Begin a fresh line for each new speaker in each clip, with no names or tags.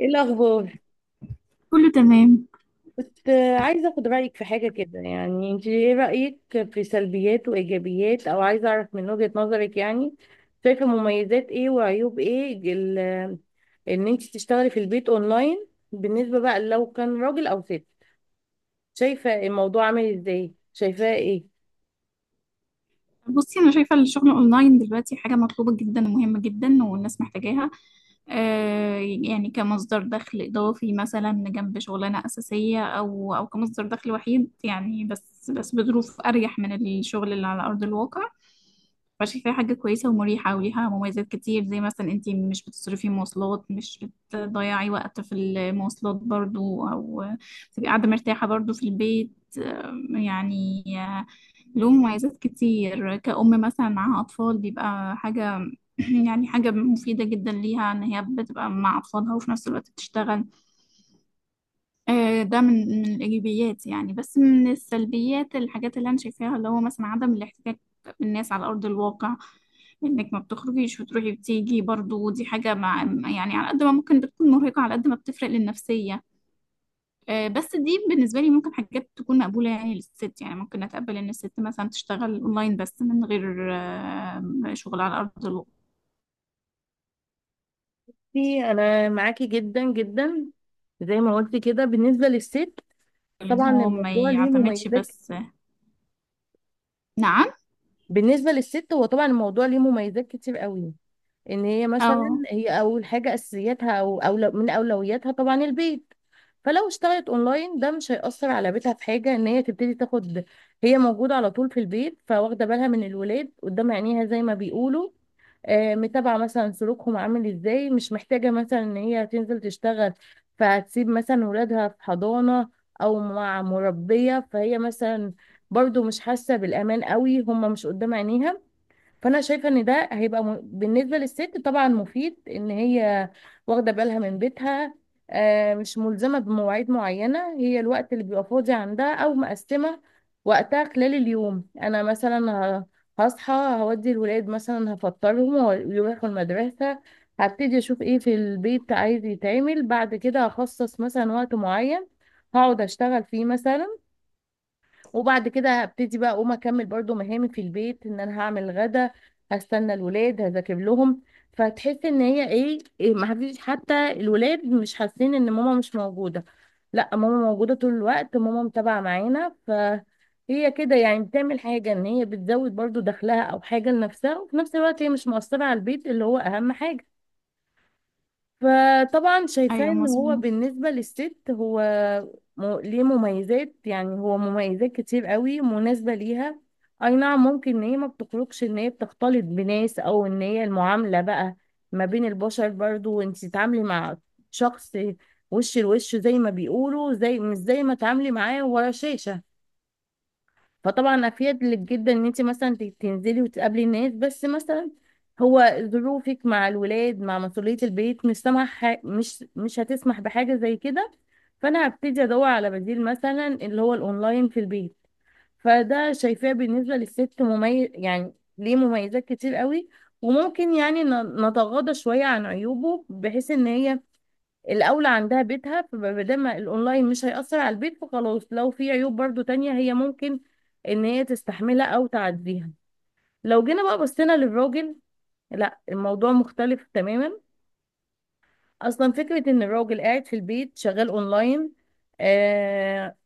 ايه الاخبار؟
كله تمام.
كنت عايزه اخد رايك في حاجه كده، يعني انت ايه رايك في سلبيات وايجابيات، او عايزه اعرف من وجهه نظرك يعني، شايفه مميزات ايه وعيوب ايه ان انت تشتغلي في البيت اونلاين، بالنسبه بقى لو كان راجل او ست. شايفه الموضوع عامل ازاي؟ شايفاه ايه؟
بصي، انا شايفه الشغل اونلاين دلوقتي حاجه مطلوبه جدا ومهمه جدا والناس محتاجاها. يعني كمصدر دخل اضافي مثلا جنب شغلانه اساسيه او كمصدر دخل وحيد، يعني بس بظروف اريح من الشغل اللي على ارض الواقع. فشايفاها حاجه كويسه ومريحه وليها مميزات كتير، زي مثلا انت مش بتصرفي مواصلات، مش بتضيعي وقت في المواصلات برضو، او تبقي قاعده مرتاحه برضو في البيت يعني له مميزات كتير، كأم مثلا معاها أطفال بيبقى حاجة يعني حاجة مفيدة جدا ليها، إن هي بتبقى مع أطفالها وفي نفس الوقت بتشتغل. ده من الإيجابيات، يعني بس من السلبيات الحاجات اللي أنا شايفاها، اللي هو مثلا عدم الاحتكاك بالناس على أرض الواقع. إنك ما بتخرجيش وتروحي وتيجي، برضو دي حاجة، مع يعني على قد ما ممكن بتكون مرهقة، على قد ما بتفرق للنفسية. بس دي بالنسبة لي ممكن حاجات تكون مقبولة، يعني للست، يعني ممكن أتقبل إن الست مثلا تشتغل أونلاين بس من غير شغل على أرض الواقع.
انا معاكي جدا جدا. زي ما قلت كده، بالنسبه للست
لأن
طبعا
هو ما
الموضوع ليه
يعتمدش
مميزات.
بس. نعم.
بالنسبه للست، هو طبعا الموضوع ليه مميزات كتير قوي. ان هي مثلا،
أه.
هي اول حاجه اساسياتها او أولو من اولوياتها طبعا البيت، فلو اشتغلت اونلاين ده مش هيأثر على بيتها في حاجه. ان هي تبتدي تاخد، هي موجوده على طول في البيت، فواخده بالها من الولاد قدام عينيها زي ما بيقولوا، آه، متابعه مثلا سلوكهم عامل ازاي، مش محتاجه مثلا ان هي تنزل تشتغل فهتسيب مثلا ولادها في حضانه او مع مربيه، فهي مثلا برضو مش حاسه بالامان قوي هم مش قدام عينيها. فانا شايفه ان ده هيبقى بالنسبه للست طبعا مفيد ان هي واخده بالها من بيتها، آه، مش ملزمه بمواعيد معينه، هي الوقت اللي بيبقى فاضي عندها او مقسمه وقتها خلال اليوم. انا مثلا ه- هصحى هودي الولاد، مثلا هفطرهم ويروحوا المدرسه، هبتدي اشوف ايه في البيت عايز يتعمل، بعد كده هخصص مثلا وقت معين هقعد اشتغل فيه مثلا، وبعد كده هبتدي بقى اقوم اكمل برضو مهامي في البيت، ان انا هعمل غدا، هستنى الولاد، هذاكر لهم. فتحس ان هي إيه ما فيش، حتى الولاد مش حاسين ان ماما مش موجودة، لا ماما موجودة طول الوقت، ماما متابعة معانا. فهي كده يعني بتعمل حاجة، ان هي بتزود برضو دخلها او حاجة لنفسها، وفي نفس الوقت هي مش مؤثرة على البيت اللي هو اهم حاجة. فطبعا شايفاه
أيوه،
ان هو
مظبوط.
بالنسبة للست هو ليه مميزات، يعني هو مميزات كتير قوي مناسبة ليها. اي نعم، ممكن ان هي ما بتخرجش، ان هي بتختلط بناس او ان هي المعاملة بقى ما بين البشر، برضو وانت تتعاملي مع شخص وش لوش زي ما بيقولوا، زي مش زي ما تعاملي معاه ورا شاشة. فطبعا افيد لك جدا ان انت مثلا تنزلي وتقابلي الناس، بس مثلا هو ظروفك مع الولاد مع مسؤولية البيت مش هتسمح بحاجة زي كده، فانا هبتدي ادور على بديل مثلا اللي هو الاونلاين في البيت. فده شايفاه بالنسبة للست مميز، يعني ليه مميزات كتير قوي، وممكن يعني نتغاضى شوية عن عيوبه، بحيث ان هي الاولى عندها بيتها، فما دام الاونلاين مش هيأثر على البيت فخلاص، لو في عيوب برضو تانية هي ممكن ان هي تستحملها او تعديها. لو جينا بقى بصينا للراجل، لا الموضوع مختلف تماما. اصلا فكرة ان الراجل قاعد في البيت شغال اونلاين، آه،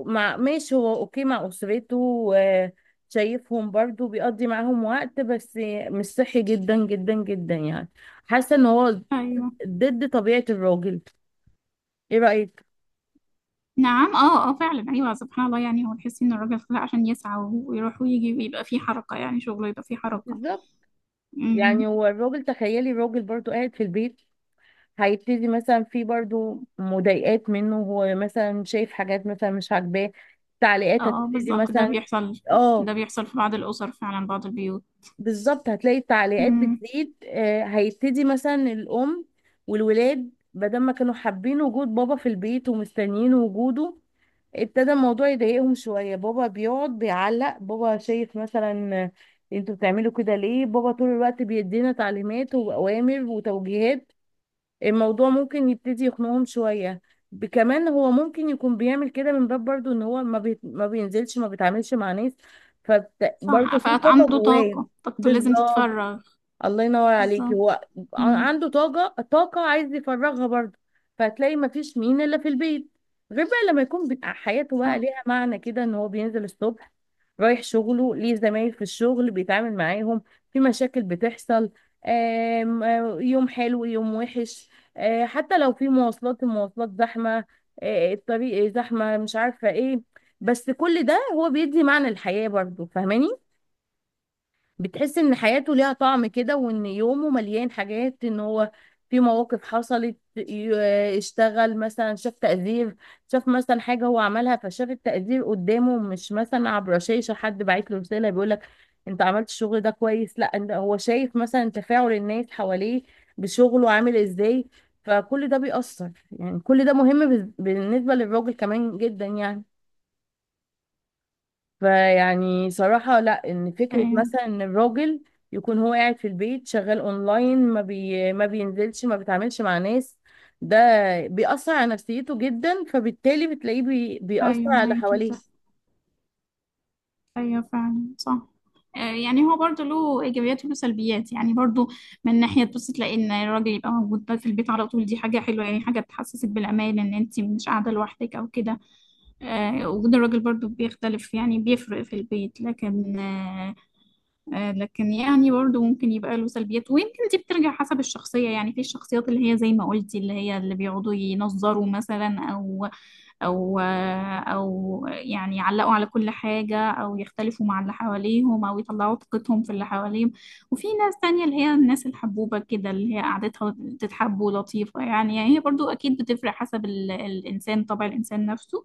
مع ماشي هو اوكي مع اسرته، آه، شايفهم برضو بيقضي معاهم وقت، بس مش صحي جدا جدا جدا يعني. حاسة ان هو
أيوه.
ضد طبيعة الراجل. ايه رأيك؟
نعم، أه، أه فعلا، أيوه. سبحان الله، يعني هو تحسي إن الراجل خلق عشان يسعى ويروح ويجي ويبقى فيه حركة، يعني شغله يبقى فيه حركة.
بالظبط.
أمم.
يعني هو الراجل، تخيلي الراجل برضو قاعد في البيت، هيبتدي مثلا في برضو مضايقات منه، هو مثلا شايف حاجات مثلا مش عاجباه، تعليقات
أه
هتبتدي
بالظبط، ده
مثلا.
بيحصل.
اه،
ده بيحصل في بعض الأسر فعلا، بعض البيوت.
بالظبط هتلاقي التعليقات
أمم.
بتزيد. آه، هيبتدي مثلا الأم والولاد بدل ما كانوا حابين وجود بابا في البيت ومستنيين وجوده، ابتدى الموضوع يضايقهم شوية، بابا بيقعد بيعلق، بابا شايف مثلا، آه، انتوا بتعملوا كده ليه؟ بابا طول الوقت بيدينا تعليمات وأوامر وتوجيهات، الموضوع ممكن يبتدي يخنقهم شوية. كمان هو ممكن يكون بيعمل كده من باب برضو ان هو ما بينزلش ما بيتعاملش مع ناس،
صح،
فبرضه في طاقة
فعنده
جواه.
طاقة، طاقته لازم
بالظبط.
تتفرغ.
الله ينور عليكي،
بالظبط.
هو
مم.
عنده طاقة عايز يفرغها برضه. فهتلاقي مفيش مين إلا في البيت، غير بقى لما يكون حياته بقى
صح.
ليها معنى كده، إن هو بينزل الصبح رايح شغله، ليه زمايل في الشغل بيتعامل معاهم، في مشاكل بتحصل، آم، آه، يوم حلو يوم وحش، حتى لو في مواصلات، المواصلات زحمة، الطريق زحمة، مش عارفة ايه، بس كل ده هو بيدي معنى الحياة برضه، فاهماني؟ بتحس ان حياته ليها طعم كده، وان يومه مليان حاجات، ان هو في مواقف حصلت، اشتغل مثلا شاف تقدير، شاف مثلا حاجة هو عملها فشاف التقدير قدامه، مش مثلا عبر شاشة حد باعت له رسالة بيقول لك انت عملت الشغل ده كويس، لا انت هو شايف مثلا تفاعل الناس حواليه بشغله عامل ازاي. فكل ده بيأثر، يعني كل ده مهم بالنسبة للراجل كمان جدا يعني. فيعني صراحة لا، ان فكرة
ايوه.
مثلا ان الراجل يكون هو قاعد في البيت شغال اونلاين، ما بينزلش ما بيتعاملش مع ناس، ده بيأثر على نفسيته جدا، فبالتالي بتلاقيه بيأثر
ايوه،
على
معاكي
حواليه.
ده. ايوه فعلا، صح. يعني هو برضه له ايجابيات وله سلبيات، يعني برضه من ناحيه، بص تلاقي ان الراجل يبقى موجود بقى في البيت على طول، دي حاجه حلوه يعني، حاجه بتحسسك بالامان، ان انت مش قاعده لوحدك او كده. وجود الراجل برضه بيختلف، يعني بيفرق في البيت، لكن لكن يعني برضه ممكن يبقى له سلبيات، ويمكن دي بترجع حسب الشخصيه، يعني في الشخصيات اللي هي زي ما قلتي، اللي هي اللي بيقعدوا ينظروا مثلا، او يعني يعلقوا على كل حاجة، او يختلفوا مع اللي حواليهم، او يطلعوا طاقتهم في اللي حواليهم. وفي ناس تانية اللي هي الناس الحبوبة كده، اللي هي قعدتها تتحب ولطيفة، يعني هي برضو اكيد بتفرق، حسب الانسان، طبع الانسان نفسه.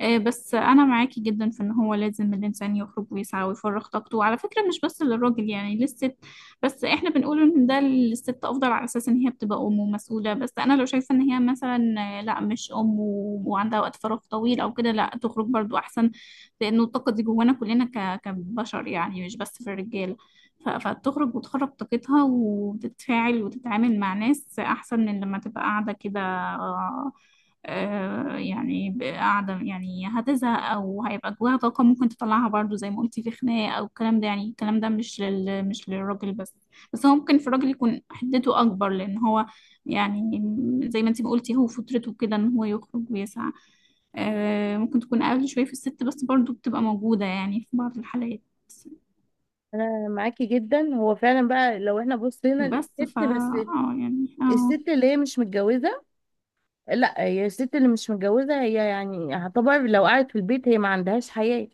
بس انا معاكي جدا في ان هو لازم الانسان يخرج ويسعى ويفرغ طاقته، وعلى فكرة مش بس للراجل، يعني للست. بس احنا بنقول ان ده للست افضل على اساس ان هي بتبقى ام ومسؤوله، بس انا لو شايفه ان هي مثلا لا مش ام وعندها وقت فراغ طويل او كده، لا تخرج برضو احسن. لانه الطاقه دي جوانا كلنا كبشر، يعني مش بس في الرجاله، فتخرج وتخرج طاقتها وتتفاعل وتتعامل مع ناس، احسن من لما تبقى قاعده كده يعني قاعدة، يعني هتزهق أو هيبقى جواها طاقة ممكن تطلعها، برضو زي ما قلتي في خناقة أو الكلام ده، يعني الكلام ده مش للراجل بس. بس هو ممكن في الراجل يكون حدته أكبر، لأن هو يعني زي ما انتي ما قلتي، هو فطرته كده إن هو يخرج ويسعى. ممكن تكون أقل شوية في الست، بس برضو بتبقى موجودة يعني في بعض الحالات.
انا معاكي جدا. هو فعلا بقى لو احنا بصينا
بس فا،
للست بس،
اه يعني اه.
الست اللي هي مش متجوزة، لا هي الست اللي مش متجوزة هي يعني هتعتبر لو قعدت في البيت هي ما عندهاش حياة،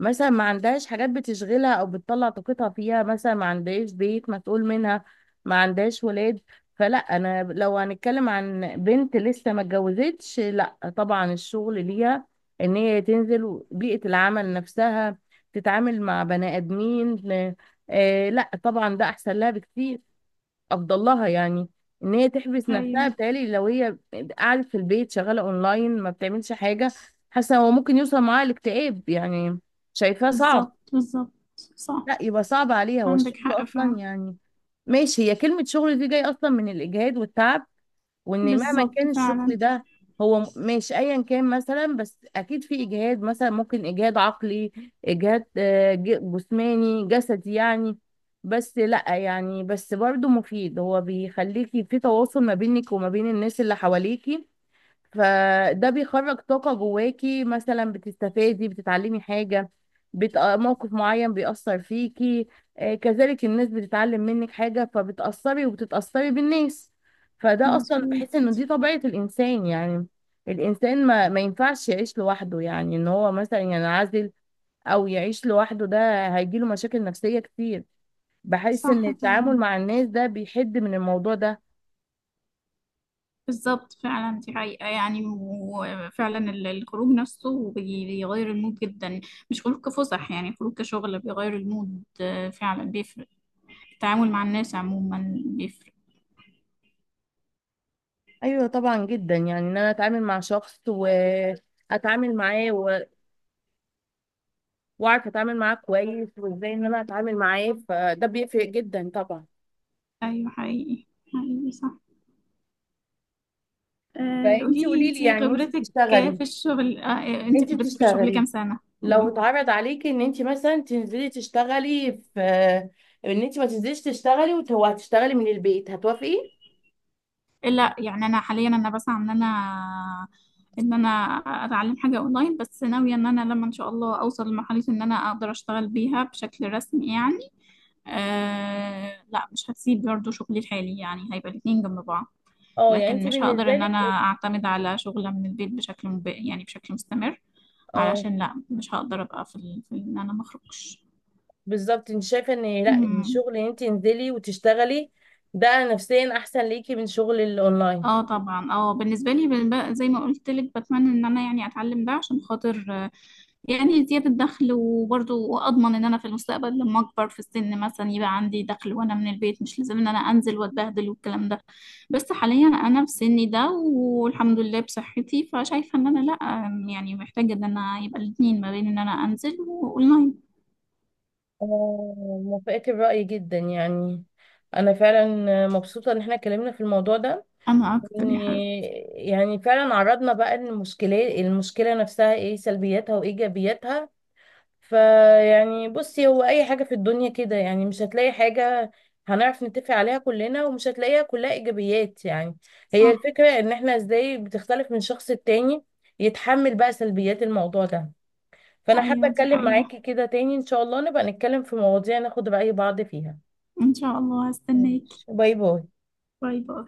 مثلا ما عندهاش حاجات بتشغلها او بتطلع طاقتها فيها، مثلا ما عندهاش بيت مسؤول منها، ما عندهاش ولاد. فلا، انا لو هنتكلم عن بنت لسه ما اتجوزتش، لا طبعا الشغل ليها ان هي تنزل بيئة العمل نفسها، تتعامل مع بني ادمين. آه، لا طبعا ده احسن لها بكتير، افضل لها يعني. ان هي تحبس نفسها،
أيوه،
بتهيألي لو هي قعدت في البيت شغاله اونلاين ما بتعملش حاجه، حاسه هو ممكن يوصل معاها الاكتئاب يعني. شايفاه صعب.
بالظبط، بالظبط. صح.
لا يبقى صعب عليها. والشغل
عندك حق
اصلا
فعلا.
يعني، ماشي هي كلمه شغل دي جاي اصلا من الاجهاد والتعب، وان مهما
بالظبط
كان الشغل
فعلا.
ده هو ماشي ايا كان مثلا، بس اكيد في اجهاد، مثلا ممكن اجهاد عقلي، اجهاد، آه، جسماني جسدي يعني. بس لا يعني، بس برضو مفيد، هو بيخليكي في تواصل ما بينك وما بين الناس اللي حواليكي، فده بيخرج طاقة جواكي، مثلا بتستفادي بتتعلمي حاجة، موقف معين بيأثر فيكي، آه، كذلك الناس بتتعلم منك حاجة، فبتأثري وبتتأثري بالناس. فده أصلا
مظبوط.
بحس إنه دي طبيعة الإنسان يعني. الإنسان ما ينفعش يعيش لوحده، يعني إن هو مثلا ينعزل أو يعيش لوحده ده هيجيله مشاكل نفسية كتير. بحس إن
صح فعلا.
التعامل مع الناس ده بيحد من الموضوع ده.
بالظبط فعلا، دي حقيقة، يعني وفعلا الخروج نفسه بيغير المود جدا. مش خروج كفسح، يعني خروج كشغل بيغير المود فعلا بيفرق. التعامل مع الناس عموما بيفرق.
ايوه طبعا، جدا يعني ان انا اتعامل مع شخص واتعامل معاه واعرف اتعامل معاه كويس وازاي ان انا اتعامل معاه، فده بيفرق جدا طبعا.
أيوة حقيقي. حقيقي صح.
فانت
قولي لي،
قولي لي،
انتي
يعني
خبرتك في الشغل،
انت
كام
بتشتغلي،
سنة؟
لو اتعرض عليكي ان انت مثلا تنزلي تشتغلي في، ان انت ما تنزليش تشتغلي وهتشتغلي من البيت، هتوافقي؟
لا يعني انا حاليا انا بسعى ان انا ان انا اتعلم حاجه اونلاين، بس ناويه ان انا لما ان شاء الله اوصل لمرحله ان انا اقدر اشتغل بيها بشكل رسمي يعني. لا، مش هسيب برضه شغلي الحالي، يعني هيبقى الاتنين جنب بعض.
اه، يعني
لكن
انت
مش هقدر
بالنسبه
ان
لك،
انا اعتمد على شغلة من البيت بشكل يعني بشكل مستمر.
اه
علشان لا، مش هقدر ابقى في ان انا مخرجش.
بالظبط، انت شايفه ان لا، ان
مم.
الشغل ان انت تنزلي وتشتغلي ده نفسيا احسن ليكي من شغل الاونلاين.
اه طبعا، اه بالنسبه لي بقى زي ما قلت لك، بتمنى ان انا يعني اتعلم ده عشان خاطر، يعني زيادة دخل، وبرضه أضمن إن أنا في المستقبل لما أكبر في السن مثلا يبقى عندي دخل، وأنا من البيت مش لازم إن أنا أنزل وأتبهدل والكلام ده. بس حاليا أنا في سني ده والحمد لله بصحتي، فشايفة إن أنا لأ، يعني محتاجة إن أنا يبقى الاتنين ما بين إن أنا أنزل وأونلاين.
آه، موافقة الرأي جدا يعني. أنا فعلا مبسوطة إن احنا اتكلمنا في الموضوع ده،
أنا أكتر
إن
يا حبيبتي.
يعني فعلا عرضنا بقى المشكلة نفسها إيه سلبياتها وإيجابياتها. فيعني بصي، هو أي حاجة في الدنيا كده يعني، مش هتلاقي حاجة هنعرف نتفق عليها كلنا، ومش هتلاقيها كلها إيجابيات يعني. هي
صح.
الفكرة إن احنا إزاي بتختلف من شخص التاني يتحمل بقى سلبيات الموضوع ده. فانا حابه
أيوة دي
اتكلم
حقيقة.
معاكي كده تاني ان شاء الله، نبقى نتكلم في مواضيع ناخد رأي بعض فيها.
إن شاء الله، هستناك.
ماشي. باي باي.
باي باي.